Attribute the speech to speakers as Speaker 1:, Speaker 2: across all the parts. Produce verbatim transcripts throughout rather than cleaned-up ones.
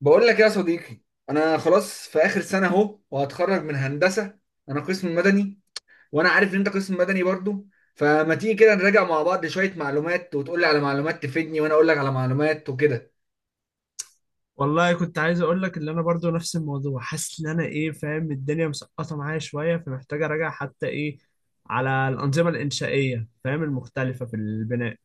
Speaker 1: بقول لك يا صديقي، انا خلاص في اخر سنه اهو وهتخرج من هندسه. انا قسم مدني، وانا عارف ان انت قسم مدني برضو. فما تيجي كده نراجع مع بعض شويه معلومات وتقول لي على معلومات تفيدني وانا اقول لك على معلومات وكده.
Speaker 2: والله كنت عايز اقول لك ان انا برضو نفس الموضوع، حاسس ان انا ايه فاهم الدنيا مسقطه معايا شويه، فمحتاج اراجع حتى ايه على الانظمه الانشائيه، فاهم المختلفه في البناء.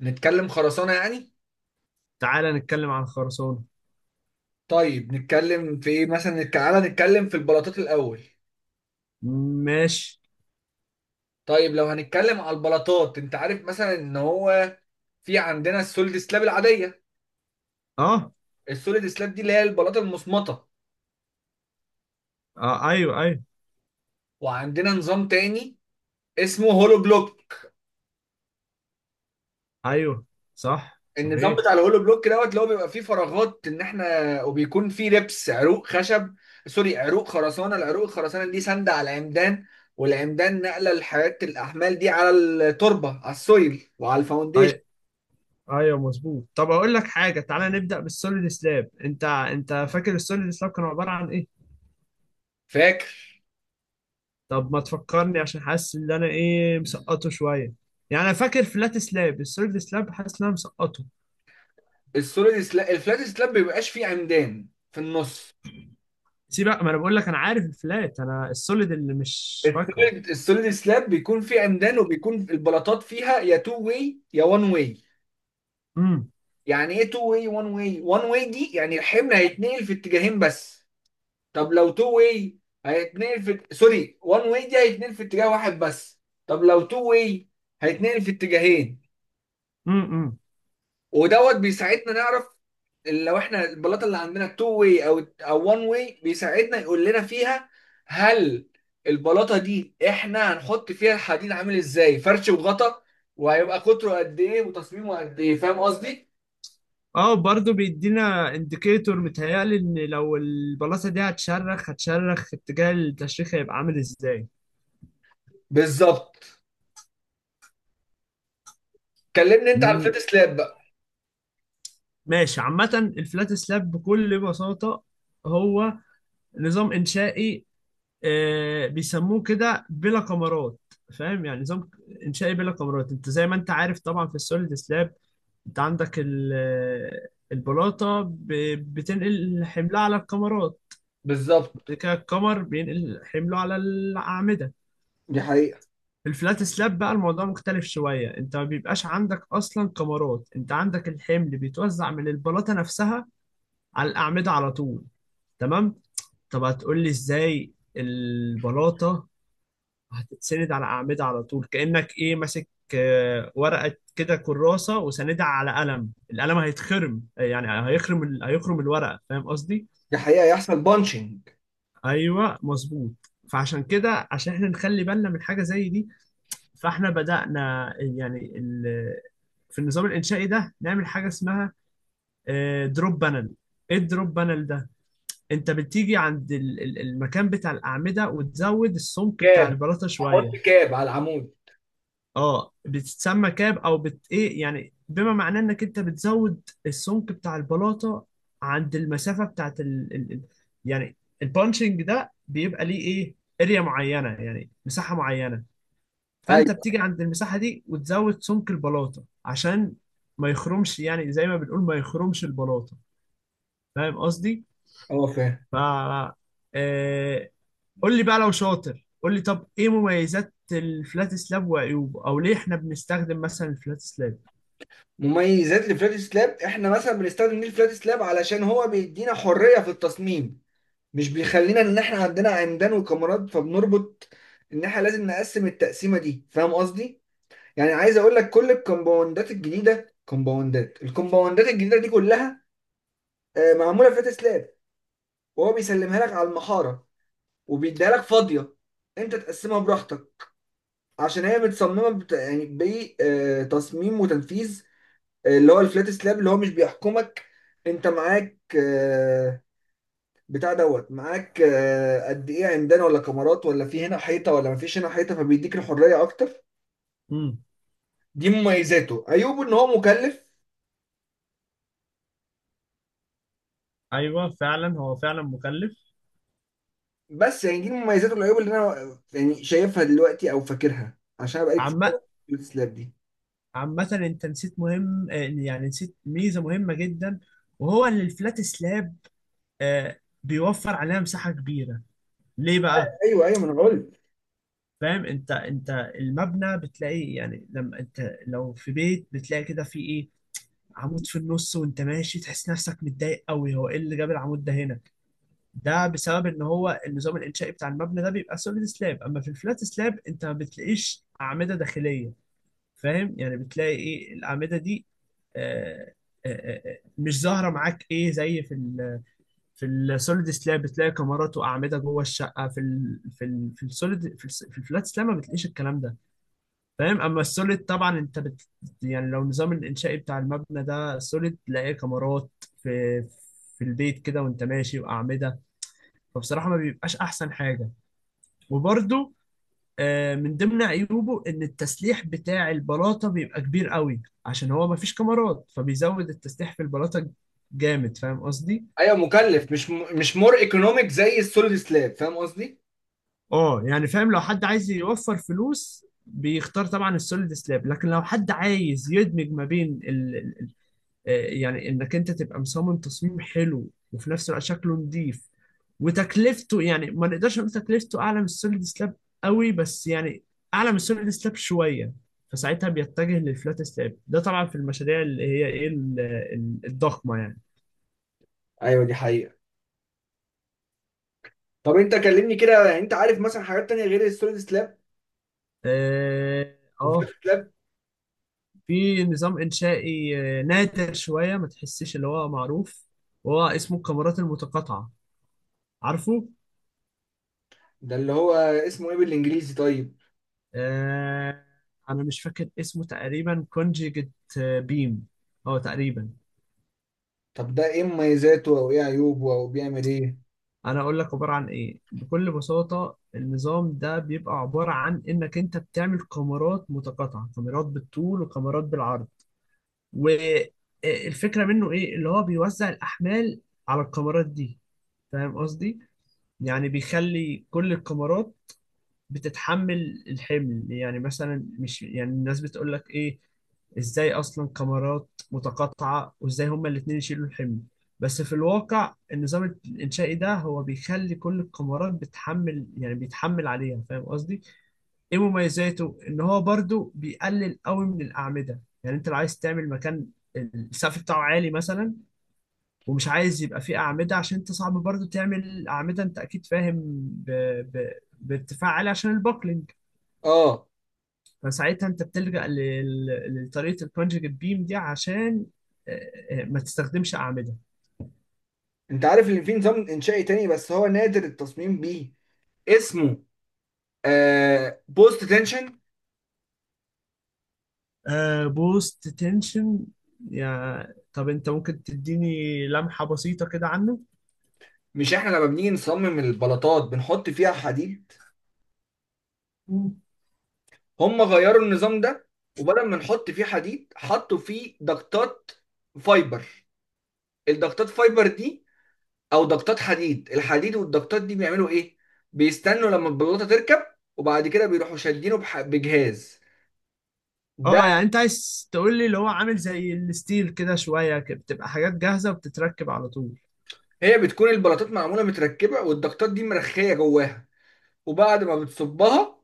Speaker 1: نتكلم خرسانه يعني.
Speaker 2: تعالى نتكلم عن خرسانه.
Speaker 1: طيب نتكلم في ايه مثلا نتك- تعالى نتكلم في البلاطات الاول.
Speaker 2: ماشي.
Speaker 1: طيب لو هنتكلم على البلاطات، انت عارف مثلا ان هو في عندنا السوليد سلاب العاديه.
Speaker 2: اه.
Speaker 1: السوليد سلاب دي اللي هي البلاطه المصمطه.
Speaker 2: آه ايوه ايوه
Speaker 1: وعندنا نظام تاني اسمه هولو بلوك.
Speaker 2: ايوه. صح
Speaker 1: النظام
Speaker 2: صحيح.
Speaker 1: بتاع الهولو بلوك دوت اللي هو بيبقى فيه فراغات ان احنا، وبيكون فيه ربس عروق خشب، سوري عروق خرسانه. العروق الخرسانه دي ساندة على العمدان، والعمدان نقله لحياه الاحمال دي على التربه، على السويل وعلى الفاونديشن.
Speaker 2: أي. ايوه مظبوط. طب اقول لك حاجه، تعالى نبدا بالسوليد سلاب. انت انت فاكر السوليد سلاب كانوا عباره عن ايه؟
Speaker 1: فاكر
Speaker 2: طب ما تفكرني عشان حاسس ان انا ايه مسقطه شويه. يعني انا فاكر فلات سلاب، السوليد سلاب حاسس ان انا مسقطه.
Speaker 1: السوليد سلاب الفلات سلاب بيبقاش فيه عمدان في النص.
Speaker 2: سيب بقى، ما انا بقول لك انا عارف الفلات، انا السوليد اللي مش فاكره.
Speaker 1: السوليد السوليد سلاب بيكون فيه عمدان، وبيكون البلاطات فيها يا تو واي يا وان واي.
Speaker 2: امم.
Speaker 1: يعني ايه تو واي وان واي؟ وان واي دي يعني الحمل هيتنقل في اتجاهين بس. طب لو تو واي هيتنقل في سوري وان واي دي هيتنقل في اتجاه واحد بس. طب لو تو واي هيتنقل في اتجاهين.
Speaker 2: امم.
Speaker 1: ودوت بيساعدنا نعرف لو احنا البلاطه اللي عندنا تو واي او او وان واي. بيساعدنا يقول لنا فيها هل البلاطه دي احنا هنحط فيها الحديد عامل ازاي، فرش وغطا، وهيبقى قطره قد ايه وتصميمه قد ايه. فاهم قصدي؟
Speaker 2: اه برضه بيدينا انديكيتور، متهيألي ان لو البلاطه دي هتشرخ، هتشرخ اتجاه التشريخ هيبقى عامل ازاي.
Speaker 1: بالظبط. كلمني انت على الفيت
Speaker 2: مم.
Speaker 1: سلاب بقى.
Speaker 2: ماشي. عامة الفلات سلاب بكل بساطة هو نظام إنشائي، آه، بيسموه كده بلا كمرات. فاهم؟ يعني نظام انشائي بلا كمرات. انت زي ما انت عارف طبعا في السوليد سلاب انت عندك ال- آه، البلاطه ب- بتنقل حملها على الكمرات،
Speaker 1: بالظبط.
Speaker 2: بعد كده الكمر بينقل حمله على الاعمده.
Speaker 1: دي حقيقة.
Speaker 2: في الفلات سلاب بقى الموضوع مختلف شويه، انت ما بيبقاش عندك اصلا كمرات، انت عندك الحمل بيتوزع من البلاطه نفسها على الاعمده على طول. تمام. طب هتقول لي ازاي البلاطه هتتسند على أعمدة على طول؟ كأنك إيه ماسك آه، ورقة كده، كراسة، وساندها على قلم، القلم هيتخرم، يعني هيخرم ال- هيخرم الورقة. فاهم قصدي؟
Speaker 1: دي حقيقة يحصل بانشنج.
Speaker 2: أيوه مظبوط. فعشان كده، عشان احنا نخلي بالنا من حاجة زي دي، فاحنا بدأنا يعني ال- في النظام الإنشائي ده نعمل حاجة اسمها دروب بانل. ايه الدروب بانل ده؟ انت بتيجي عند ال- ال- المكان بتاع الأعمدة وتزود السمك بتاع البلاطة شوية.
Speaker 1: احط كاب على العمود.
Speaker 2: اه بتتسمى كاب او بت ايه، يعني بما معناه انك انت بتزود السمك بتاع البلاطه عند المسافه بتاعت ال... ال... ال- يعني البانشنج ده بيبقى ليه ايه، اريا معينه يعني مساحه معينه، فانت
Speaker 1: ايوه.
Speaker 2: بتيجي عند المساحه دي وتزود سمك البلاطه عشان ما يخرمش، يعني زي ما بنقول ما يخرمش البلاطه. فاهم قصدي؟
Speaker 1: اه فاهم.
Speaker 2: ف آه... قول لي بقى لو شاطر، قول لي طب ايه مميزات الفلات سلاب وعيوبه، او ليه احنا بنستخدم مثلا الفلات سلاب؟
Speaker 1: مميزات الفلات سلاب احنا مثلا بنستخدم ليه الفلات سلاب؟ علشان هو بيدينا حريه في التصميم، مش بيخلينا ان احنا عندنا عمدان وكاميرات فبنربط ان احنا لازم نقسم التقسيمه دي. فاهم قصدي؟ يعني عايز اقول لك كل الكومباوندات الجديده، كومباوندات الكومباوندات الجديده دي كلها آه، معموله فلات سلاب. وهو بيسلمها لك على المحاره وبيديها لك فاضيه، انت تقسمها براحتك. عشان هي متصممه بت... يعني بتصميم وتنفيذ اللي هو الفلات سلاب اللي هو مش بيحكمك. انت معاك آه، بتاع دوت، معاك آه، قد ايه عمدان ولا كاميرات، ولا في هنا حيطه ولا مفيش هنا حيطه، فبيديك الحريه اكتر.
Speaker 2: امم.
Speaker 1: دي مميزاته. عيوبه ان هو مكلف.
Speaker 2: ايوه فعلا، هو فعلا مكلف.
Speaker 1: بس يعني دي مميزاته، والعيوب اللي انا يعني شايفها دلوقتي او فاكرها، عشان أنا بقالي كتير
Speaker 2: عم.
Speaker 1: الفلات سلاب دي.
Speaker 2: عامة انت نسيت مهم، آه، يعني نسيت ميزة مهمة جدا، وهو ان الفلات سلاب آه، بيوفر عليها مساحة كبيرة. ليه بقى؟
Speaker 1: ايوه ايوه، ما انا قلت.
Speaker 2: فاهم؟ انت انت المبنى بتلاقي، يعني لما انت لو في بيت بتلاقي كده في ايه، عمود في النص وانت ماشي تحس نفسك متضايق قوي، هو ايه اللي جاب العمود ده هنا؟ ده بسبب ان هو النظام الانشائي بتاع المبنى ده بيبقى سوليد سلاب. اما في الفلات سلاب انت ما بتلاقيش اعمدة داخلية، فاهم؟ يعني بتلاقي ايه الاعمده دي آه، آه، آه، آه، مش ظاهره معاك، ايه زي في ال في السوليد سلاب بتلاقي كاميرات واعمده جوه الشقه في ال في ال في السوليد، في, الس- في الفلات سلاب ما بتلاقيش الكلام ده، فاهم؟ اما السوليد طبعا انت بت، يعني لو النظام الانشائي بتاع المبنى ده السوليد تلاقيه كاميرات في في البيت كده وانت ماشي واعمده، فبصراحه ما بيبقاش احسن حاجه. وبرده آه، من ضمن عيوبه ان التسليح بتاع البلاطه بيبقى كبير قوي، عشان هو مفيش كاميرات فبيزود التسليح في البلاطه جامد. فاهم قصدي؟
Speaker 1: ايوه مكلف، مش م... مش مور ايكونوميك زي السوليد سلاب. فاهم قصدي؟
Speaker 2: اه يعني فاهم، لو حد عايز يوفر فلوس بيختار طبعا السوليد سلاب، لكن لو حد عايز يدمج ما بين آه، يعني انك انت تبقى مصمم تصميم حلو وفي نفس الوقت شكله نظيف، وتكلفته يعني ما نقدرش نقول تكلفته اعلى من السوليد سلاب قوي، بس يعني اعلى من السوليد سلاب شويه، فساعتها بيتجه للفلات سلاب. ده طبعا في المشاريع اللي هي ايه ال- ال- الضخمه يعني.
Speaker 1: ايوه دي حقيقة. طب انت كلمني كده، يعني انت عارف مثلا حاجات تانية غير السوليد سلاب
Speaker 2: اه. آه،
Speaker 1: والفلات سلاب؟
Speaker 2: في نظام انشائي آه، نادر شويه، ما تحسش اللي هو معروف، وهو اسمه الكاميرات المتقاطعه. عارفه؟
Speaker 1: ده اللي هو اسمه ايه بالانجليزي طيب؟
Speaker 2: آه انا مش فاكر اسمه، تقريبا كونجيجت بيم، اه تقريبا.
Speaker 1: طب ده ايه مميزاته او ايه عيوبه او بيعمل ايه؟
Speaker 2: انا اقول لك عباره عن ايه بكل بساطه. النظام ده بيبقى عباره عن انك انت بتعمل كاميرات متقاطعه، كاميرات بالطول وكاميرات بالعرض. والفكره منه ايه؟ اللي هو بيوزع الاحمال على الكاميرات دي، فاهم قصدي؟ يعني بيخلي كل الكاميرات بتتحمل الحمل. يعني مثلا مش يعني الناس بتقول لك ايه، ازاي اصلا كاميرات متقاطعة وازاي هما الاتنين يشيلوا الحمل، بس في الواقع النظام الانشائي ده هو بيخلي كل الكاميرات بتحمل، يعني بيتحمل عليها. فاهم قصدي؟ ايه مميزاته؟ ان هو برضو بيقلل قوي من الاعمدة. يعني انت لو عايز تعمل مكان السقف بتاعه عالي مثلا، ومش عايز يبقى فيه أعمدة، عشان انت صعب برضو تعمل أعمدة انت اكيد فاهم ب... ب... بارتفاع عالي عشان البوكلينج،
Speaker 1: اه.
Speaker 2: فساعتها انت بتلجأ لل- لطريقة الكونجكت بيم دي عشان آه، آه، ما تستخدمش أعمدة.
Speaker 1: انت عارف ان في نظام انشائي تاني بس هو نادر التصميم بيه، اسمه آه بوست تنشن.
Speaker 2: بوست تنشن. يا طب انت ممكن تديني لمحة بسيطة كده عنه؟
Speaker 1: مش احنا لما بنيجي نصمم البلاطات بنحط فيها حديد؟
Speaker 2: مم.
Speaker 1: هم غيروا النظام ده، وبدل ما نحط فيه حديد حطوا فيه ضغطات فايبر. الضغطات فايبر دي، او ضغطات حديد، الحديد والضغطات دي بيعملوا ايه؟ بيستنوا لما البلاطه تركب، وبعد كده بيروحوا شادينه بح- بجهاز ده.
Speaker 2: اه يعني انت عايز تقول لي اللي هو عامل زي الستيل كده شوية ك- بتبقى حاجات جاهزة وبتتركب على طول.
Speaker 1: هي بتكون البلاطات معموله متركبه والضغطات دي مرخيه جواها، وبعد ما بتصبها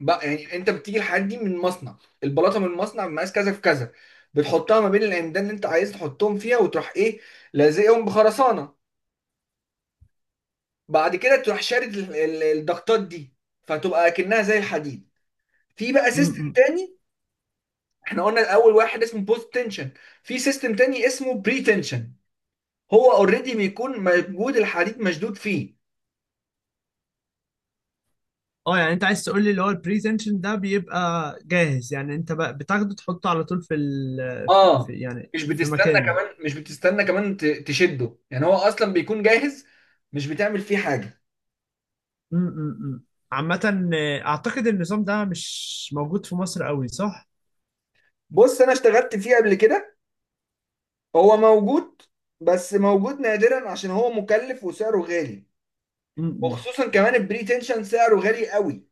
Speaker 1: بقى، يعني انت بتيجي الحديد دي من مصنع، البلاطه من مصنع مقاس كذا في كذا، بتحطها ما بين العمدان اللي انت عايز تحطهم فيها، وتروح ايه، لازقهم بخرسانه. بعد كده تروح شارد ال- ال- الضغطات دي، فتبقى اكنها زي الحديد. في بقى سيستم
Speaker 2: مم.
Speaker 1: تاني. احنا قلنا اول واحد اسمه بوست تنشن، في سيستم تاني اسمه بري تنشن. هو اوريدي بيكون موجود الحديد مشدود فيه.
Speaker 2: اه يعني انت عايز تقول لي اللي هو البري تنشن ده بيبقى جاهز، يعني انت بقى بتاخده تحطه على طول في ال في في-
Speaker 1: اه.
Speaker 2: يعني
Speaker 1: مش
Speaker 2: في
Speaker 1: بتستنى
Speaker 2: مكانه.
Speaker 1: كمان، مش بتستنى كمان ت- تشده، يعني هو اصلا بيكون جاهز، مش بتعمل فيه حاجه.
Speaker 2: م- م- م. عامة آه، أعتقد النظام ده مش موجود في مصر قوي، صح؟
Speaker 1: بص انا اشتغلت فيه قبل كده. هو موجود بس موجود نادرا، عشان هو مكلف وسعره غالي.
Speaker 2: م- م.
Speaker 1: وخصوصا كمان البري تنشن سعره غالي قوي،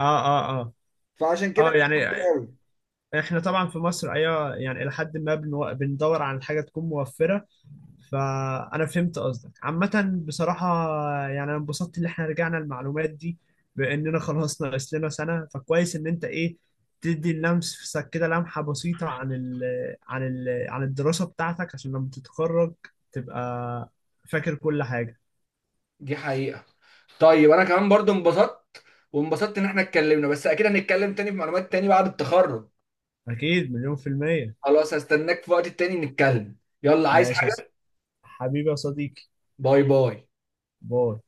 Speaker 2: اه اه. اه
Speaker 1: فعشان كده
Speaker 2: اه
Speaker 1: مش موجود
Speaker 2: يعني
Speaker 1: قوي.
Speaker 2: احنا طبعا في مصر ايوه، يعني الى حد ما بنو... بندور على حاجه تكون موفره. فانا فهمت قصدك عامه بصراحه. يعني انا انبسطت ان احنا رجعنا المعلومات دي، باننا خلاص ناقص لنا سنه، فكويس ان انت ايه تدي اللمس كده لمحه بسيطه عن ال... عن ال... عن الدراسه بتاعتك، عشان لما تتخرج تبقى فاكر كل حاجه.
Speaker 1: دي حقيقة. طيب انا كمان برضو انبسطت، وانبسطت ان احنا اتكلمنا، بس اكيد هنتكلم تاني في معلومات تاني بعد التخرج.
Speaker 2: أكيد، مليون في المية.
Speaker 1: خلاص هستناك في وقت تاني نتكلم. يلا عايز
Speaker 2: ماشي يا ص-
Speaker 1: حاجة؟
Speaker 2: حبيبي يا صديقي.
Speaker 1: باي باي.
Speaker 2: باي.